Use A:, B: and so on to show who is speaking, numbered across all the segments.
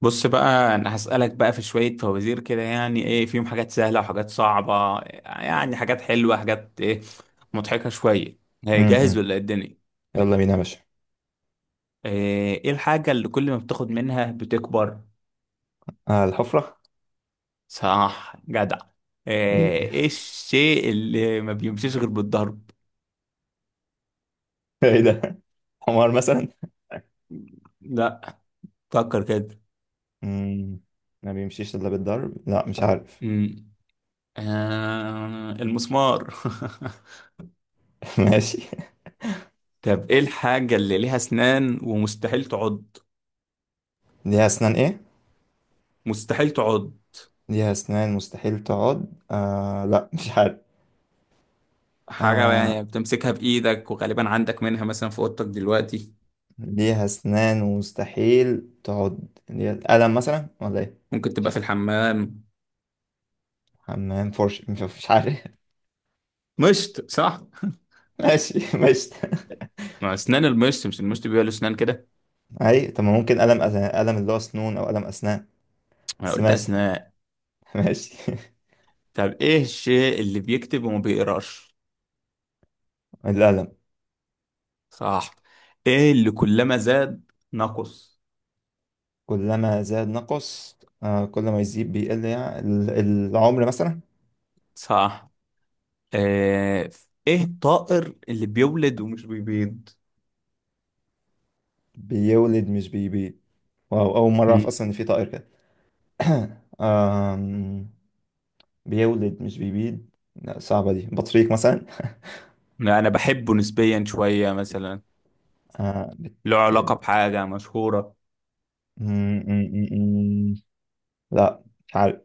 A: بص بقى، انا هسألك بقى في شوية فوازير كده، يعني ايه فيهم حاجات سهلة وحاجات صعبة. يعني حاجات حلوة، حاجات ايه مضحكة شوية. إيه، جاهز
B: امم
A: ولا إيه الدنيا؟
B: يلا بينا يا باشا.
A: ايه الحاجة اللي كل ما بتاخد منها بتكبر؟
B: آه، الحفرة.
A: صح جدع. ايه
B: ايه.
A: إيه الشيء اللي ما بيمشيش غير بالضرب؟
B: إيه ده؟ حمار مثلا.
A: لا، فكر كده.
B: امم ما بيمشيش الا بالضرب. لا، مش عارف.
A: امم آه، المسمار.
B: ماشي.
A: طب ايه الحاجة اللي ليها اسنان ومستحيل تعض؟
B: ليها اسنان، ايه؟
A: مستحيل تعض.
B: ليها اسنان مستحيل تقعد. لا، مش عارف.
A: حاجة
B: آه،
A: يعني بتمسكها بإيدك، وغالبا عندك منها مثلا في أوضتك دلوقتي.
B: ليها اسنان ومستحيل تقعد. ليها قلم مثلا، ولا ايه؟
A: ممكن
B: مش
A: تبقى في
B: عارف.
A: الحمام.
B: حمام، فرش، مش عارف.
A: مشط، صح؟
B: ماشي، ماشي.
A: ما أسنان المشط، مش المشط بيبقى له أسنان كده؟
B: اي، طب ما ممكن قلم قلم اللي هو سنون، او قلم اسنان.
A: أنا
B: بس
A: قلت
B: ماشي.
A: أسنان.
B: ماشي.
A: طب إيه الشيء اللي بيكتب وما بيقراش؟
B: القلم.
A: صح. إيه اللي كلما زاد نقص؟
B: كلما زاد نقص، آه، كل ما يزيد بيقل، يعني العمر مثلا.
A: صح. آه، إيه الطائر اللي بيولد ومش بيبيض؟
B: بيولد مش بيبيض. واو، أول مرة أعرف
A: مم.
B: أصلا إن في طائر كده. آم، بيولد مش بيبيض. لا، صعبة دي. بطريق مثلا.
A: لا، أنا بحبه نسبيا شوية مثلا.
B: آه،
A: له علاقة
B: بتحب.
A: بحاجة مشهورة.
B: م- م- م- م. لا، مش عارف.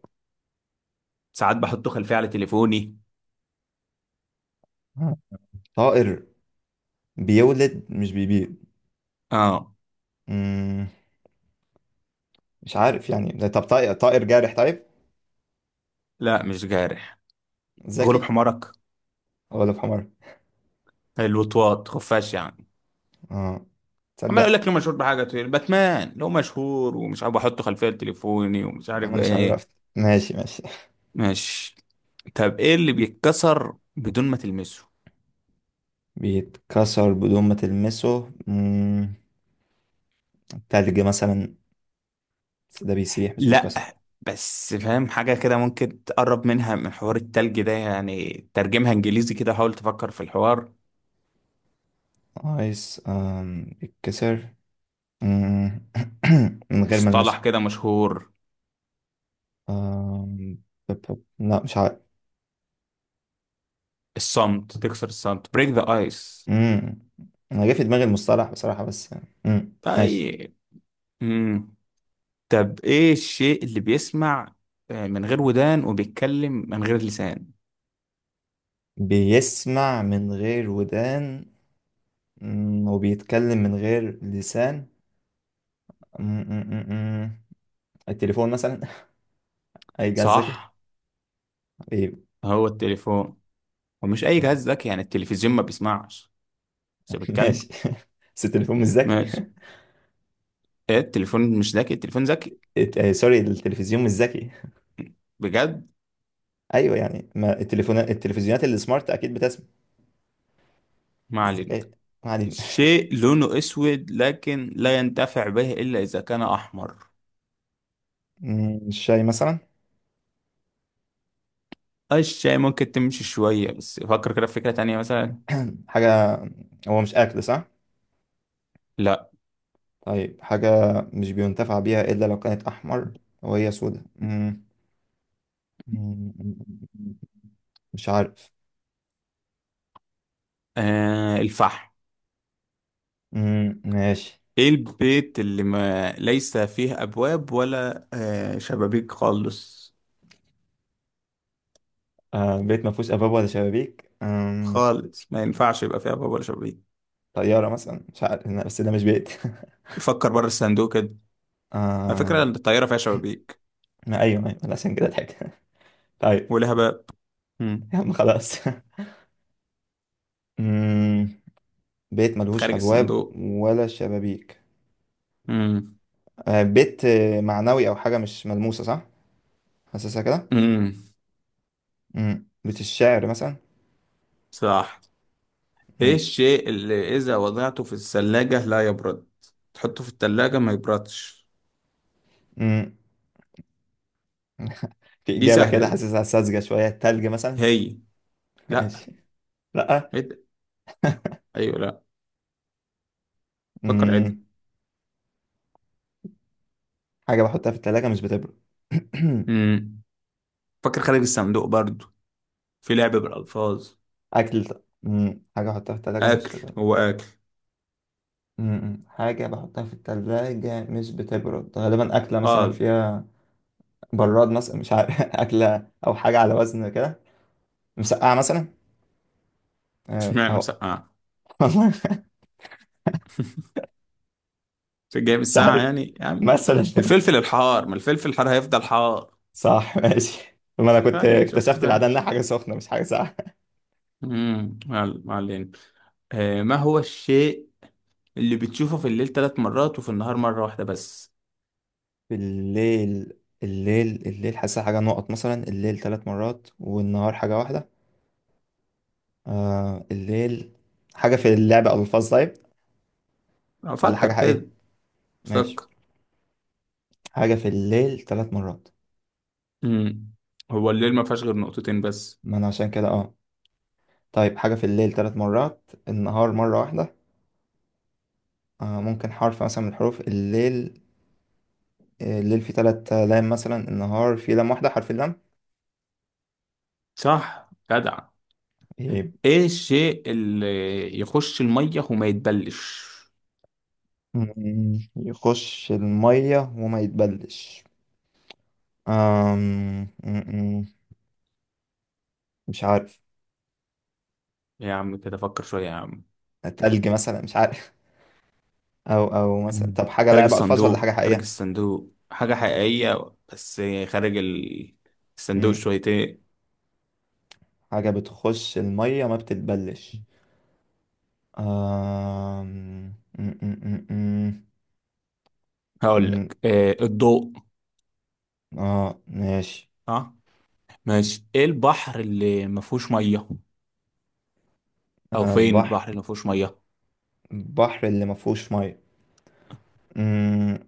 A: ساعات بحطه خلفية على تليفوني.
B: آه، طائر بيولد مش بيبيض.
A: اه.
B: م، مش عارف، يعني ده. طب طائر، جارح؟ طيب.
A: لا، مش جارح. غلوب
B: ذكي؟
A: حمارك.
B: ولا بحمار؟
A: الوطواط، خفاش يعني.
B: اه،
A: عمال اقول
B: تصدق.
A: لك له مشهور بحاجه، تقول باتمان له مشهور ومش عارف احطه خلفيه تليفوني ومش
B: يا عم،
A: عارف
B: انا مش
A: ايه.
B: عرفت. ماشي، ماشي.
A: ماشي. طب ايه اللي بيتكسر بدون ما تلمسه؟
B: بيتكسر بدون ما تلمسه. التلج مثلا، بس ده بيسيح مش
A: لا.
B: بيتكسر.
A: بس فاهم حاجه كده ممكن تقرب منها من حوار التلج ده، يعني ترجمها انجليزي كده، حاول تفكر في الحوار.
B: ايس، بيتكسر. مم. من غير ما
A: مصطلح
B: المسه.
A: كده مشهور.
B: آم، لا، مش عارف.
A: الصمت، تكسر الصمت، بريك ذا ايس.
B: مم. انا جه في دماغي المصطلح بصراحة، بس مم. ماشي.
A: طيب. امم طب ايه الشيء اللي بيسمع من غير ودان وبيتكلم من غير لسان؟
B: بيسمع من غير ودان، وبيتكلم من غير لسان. مم. مم. مم. مم. التليفون مثلا. اي جهاز ذكي.
A: صح.
B: إيه.
A: هو التليفون. ومش اي جهاز ذكي، يعني التلفزيون ما بيسمعش. بس
B: ماشي.
A: بيتكلم.
B: بس التليفون مش ذكي.
A: ماشي. إيه التليفون مش ذكي؟ التليفون ذكي.
B: سوري، التلفزيون مش ذكي.
A: بجد.
B: ايوه، يعني ما التلفزيونات اللي سمارت اكيد بتسمع.
A: ما علينا.
B: الذكاء. ما علينا.
A: شيء لونه اسود لكن لا ينتفع به الا اذا كان احمر.
B: الشاي مثلا.
A: الشيء ممكن تمشي شوية، بس فكر كده في فكرة تانية مثلا.
B: حاجه. هو مش اكل، صح؟
A: لا.
B: طيب، حاجه مش بينتفع بيها الا لو كانت احمر، وهي سودة. مم، مش عارف.
A: آه، الفحم.
B: مم، ماشي.
A: ايه البيت اللي ما ليس فيه ابواب ولا شبابيك خالص؟
B: آه، بيت ما فيهوش ابواب ولا شبابيك.
A: خالص، ما ينفعش يبقى فيه ابواب ولا شبابيك.
B: طياره مثلا، مش عارف. لا، بس ده مش بيت.
A: فكر بره الصندوق كده. على فكرة،
B: آم،
A: الطيارة فيها شبابيك
B: ما ايوه، ايوه، عشان كده ضحك. طيب.
A: ولها باب. مم.
B: يا عم، خلاص. مم، بيت ملهوش
A: خارج
B: أبواب
A: الصندوق.
B: ولا شبابيك.
A: مم.
B: آه، بيت معنوي أو حاجة مش ملموسة، صح؟ حاسسها كده؟
A: مم.
B: بيت الشعر مثلا؟
A: صح. ايه
B: ماشي.
A: الشيء اللي اذا وضعته في الثلاجة لا يبرد؟ تحطه في الثلاجة ما يبردش.
B: مم. في
A: دي
B: إجابة
A: سهلة
B: كده
A: دي،
B: حاسسها ساذجة شوية، التلج مثلا؟
A: هي. لا.
B: ماشي. لأ.
A: عد. ايوه، لا. فكر، عد.
B: مم. حاجة بحطها في التلاجة مش بتبرد.
A: مم. فكر خارج الصندوق برضو، في لعب بالالفاظ.
B: أكل ط- مم. حاجة بحطها في التلاجة مش
A: اكل،
B: بتبرد.
A: هو اكل.
B: حاجة بحطها في التلاجة مش بتبرد، غالبا أكلة مثلا
A: اه.
B: فيها براد مثلا، مش عارف. أكلة أو حاجة على وزن كده، مسقعة مثلا. آه،
A: اشمعنى
B: أهو.
A: مسقعه؟
B: والله.
A: عشان جاي من
B: مش
A: الساعه،
B: عارف.
A: يعني
B: مثلا.
A: الفلفل الحار، ما الفلفل الحار هيفضل حار.
B: صح، ماشي. ما انا كنت
A: تاني شفت
B: اكتشفت بعدها
A: فاهم.
B: انها حاجه سخنه مش حاجه ساقعه.
A: ما علينا. آه، ما هو الشيء اللي بتشوفه في الليل 3 مرات وفي النهار مره واحده بس؟
B: الليل الليل، حاسسها حاجه نقط مثلا، الليل ثلاث مرات والنهار حاجه واحده. آه، الليل. حاجه في اللعبه، او الفاظ؟ طيب. ولا
A: افكر
B: حاجه حقيقيه؟
A: كده.
B: ماشي.
A: فكر.
B: حاجه في الليل ثلاث مرات.
A: امم هو الليل ما فيهاش غير نقطتين بس؟
B: ما انا عشان كده، اه. طيب، حاجه في الليل ثلاث مرات، النهار مره واحده. آه، ممكن حرف مثلا من الحروف. الليل. آه، الليل فيه ثلاث لام مثلا، النهار فيه لام واحده، حرف اللام.
A: صح جدع.
B: إيه.
A: ايه الشيء اللي يخش الميه وما يتبلش؟
B: يخش المية وما يتبلش. أم... مم. مش عارف.
A: يا عم كده فكر شويه يا عم.
B: تلج مثلا، مش عارف. او مثلا،
A: مم.
B: طب حاجة
A: خارج
B: لعب ألفاظ ولا حاجة
A: الصندوق، خارج
B: حقيقية؟
A: الصندوق، حاجة حقيقية بس. خارج ال- الصندوق
B: مم.
A: شويتين.
B: حاجة بتخش المية ما بتتبلش. أم... مم. مم. مم.
A: هقول
B: مم.
A: لك، آه الضوء.
B: اه، ماشي.
A: اه، ماشي. ايه البحر اللي ما فيهوش ميه؟ او
B: آه،
A: فين
B: البحر.
A: البحر اللي ما فيهوش ميه؟
B: البحر اللي ما فيهوش مية. مم.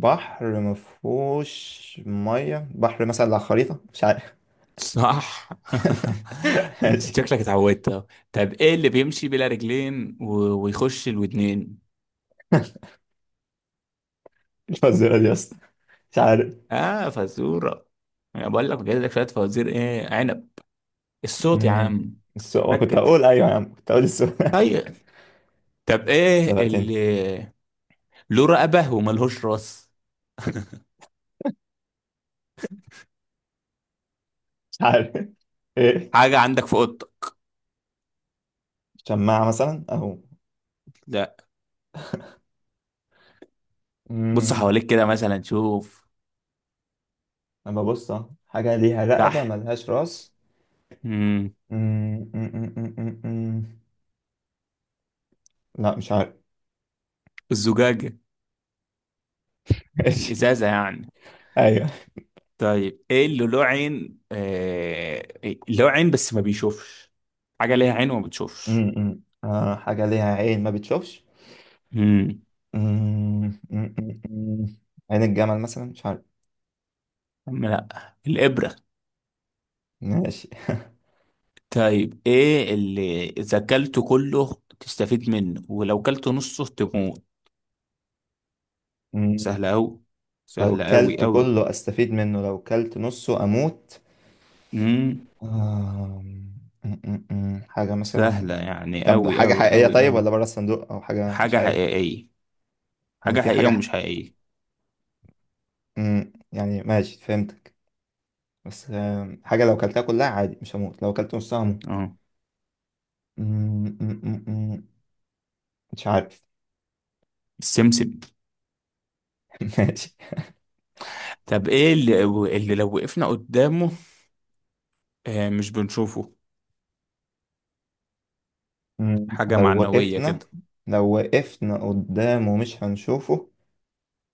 B: بحر ما فيهوش مية، بحر مثلا على خريطة، مش عارف.
A: صح.
B: ماشي.
A: شكلك اتعودت أهو. طب ايه اللي بيمشي بلا رجلين ويخش الودنين؟
B: الفزوره دي يا اسطى، مش عارف.
A: اه، فزوره. انا بقول لك جايب لك شويه فوازير، ايه عنب. الصوت يا
B: امم
A: عم.
B: السؤال، كنت
A: ركز.
B: هقول ايوه يا عم، كنت هقول السؤال.
A: طيب. طب ايه
B: سبقتني.
A: اللي له رقبة وملهوش راس؟
B: مش عارف. ايه؟
A: حاجة عندك في اوضتك.
B: شماعه مثلا، اهو.
A: لا. بص
B: امم
A: حواليك كده مثلا، شوف
B: اما ببص، أهو. حاجه ليها رقبه
A: تحت.
B: ملهاش راس.
A: امم
B: أمم، أمم، أمم، أمم. لا، مش عارف.
A: الزجاجة.
B: ماشي.
A: الإزازة يعني.
B: ايوه.
A: طيب ايه اللي له عين آه... إيه؟ له عين بس ما بيشوفش. حاجة ليها عين وما بتشوفش.
B: أمم، أمم. آه، حاجه ليها عين ما بتشوفش.
A: امم.
B: أمم، أمم، أمم، أمم. عين الجمل مثلا، مش عارف.
A: لا. الإبرة.
B: ماشي.
A: طيب ايه اللي إذا كلته كله تستفيد منه ولو كلته نصه تموت؟
B: أمم.
A: سهلة أوي.
B: لو
A: سهلة أوي
B: كلت
A: أوي.
B: كله استفيد منه، لو كلت نصه اموت.
A: امم
B: آم، م- م- م. حاجة مثلا.
A: سهلة يعني
B: طب،
A: أوي
B: حاجة
A: أوي
B: حقيقية
A: أوي
B: طيب،
A: أوي.
B: ولا بره الصندوق أو حاجة مش
A: حاجة
B: حقيقية؟
A: حقيقية.
B: يعني
A: حاجة
B: في
A: حقيقية
B: حاجة ح...
A: ومش حقيقية.
B: م، يعني، ماشي، فهمتك. بس حاجة لو كلتها كلها عادي مش هموت، لو كلت نصها هموت.
A: اه.
B: م- م- م- م. مش عارف.
A: السمسم.
B: ماشي.
A: طب ايه اللي، اللي لو وقفنا قدامه مش بنشوفه.
B: م،
A: حاجة
B: لو
A: معنوية
B: وقفنا
A: كده.
B: لو وقفنا قدامه مش هنشوفه.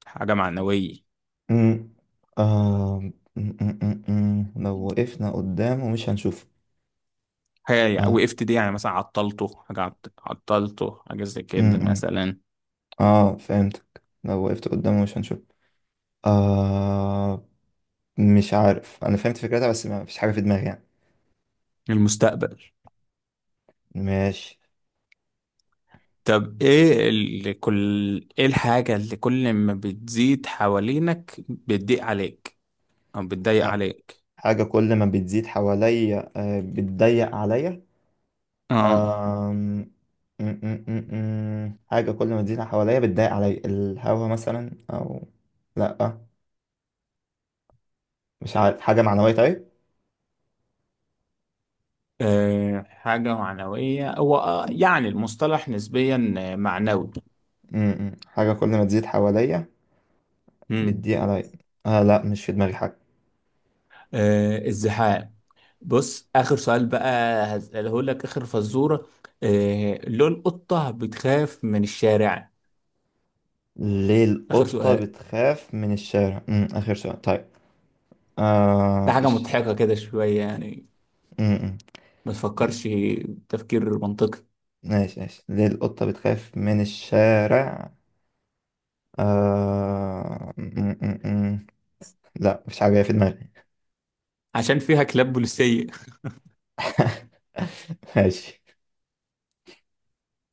A: حاجة معنوية.
B: م، آم، م- م- م- م. لو وقفنا قدامه مش هنشوفه.
A: حاجة
B: اه.
A: وقفت دي، يعني مثلا عطلته حاجة عطلته حاجة زي
B: م-
A: كده
B: م.
A: مثلا.
B: اه، فهمتك، لو وقفت قدامه مش هنشوف. آه، مش عارف، انا فهمت فكرتها، بس ما فيش حاجه في دماغي يعني.
A: المستقبل.
B: ماشي.
A: طب ايه اللي كل، ايه الحاجة اللي كل ما بتزيد حوالينك بتضيق عليك، او بتضايق
B: ح-
A: عليك.
B: حاجه كل ما بتزيد حواليا، بتضيق عليا.
A: اه.
B: آم، م- م- م- م. حاجه كل ما تزيد حواليا بتضيق عليا، الهوا مثلا، او لا، مش عارف. حاجه معنويه؟ طيب.
A: آه، حاجة معنوية، هو آه، يعني المصطلح نسبيا آه، معنوي.
B: م- م. حاجه كل ما تزيد حواليا
A: مم.
B: بتضيق عليا. آه، لا، مش في دماغي حاجه.
A: آه، الزحام. بص، آخر سؤال بقى، هسأله لك آخر فزورة. آه، ليه القطة بتخاف من الشارع؟
B: ليه
A: آخر
B: القطه
A: سؤال.
B: بتخاف من الشارع، اخر سؤال طيب؟
A: ده
B: آه،
A: حاجة
B: إيش؟
A: مضحكة كده شوية يعني.
B: م- م.
A: ما تفكرش تفكير منطقي.
B: ماشي، ماشي، ليه القطة بتخاف من الشارع؟ آه... م- م- م. لا، مش عارف في دماغي.
A: عشان فيها كلاب بوليسية.
B: ماشي.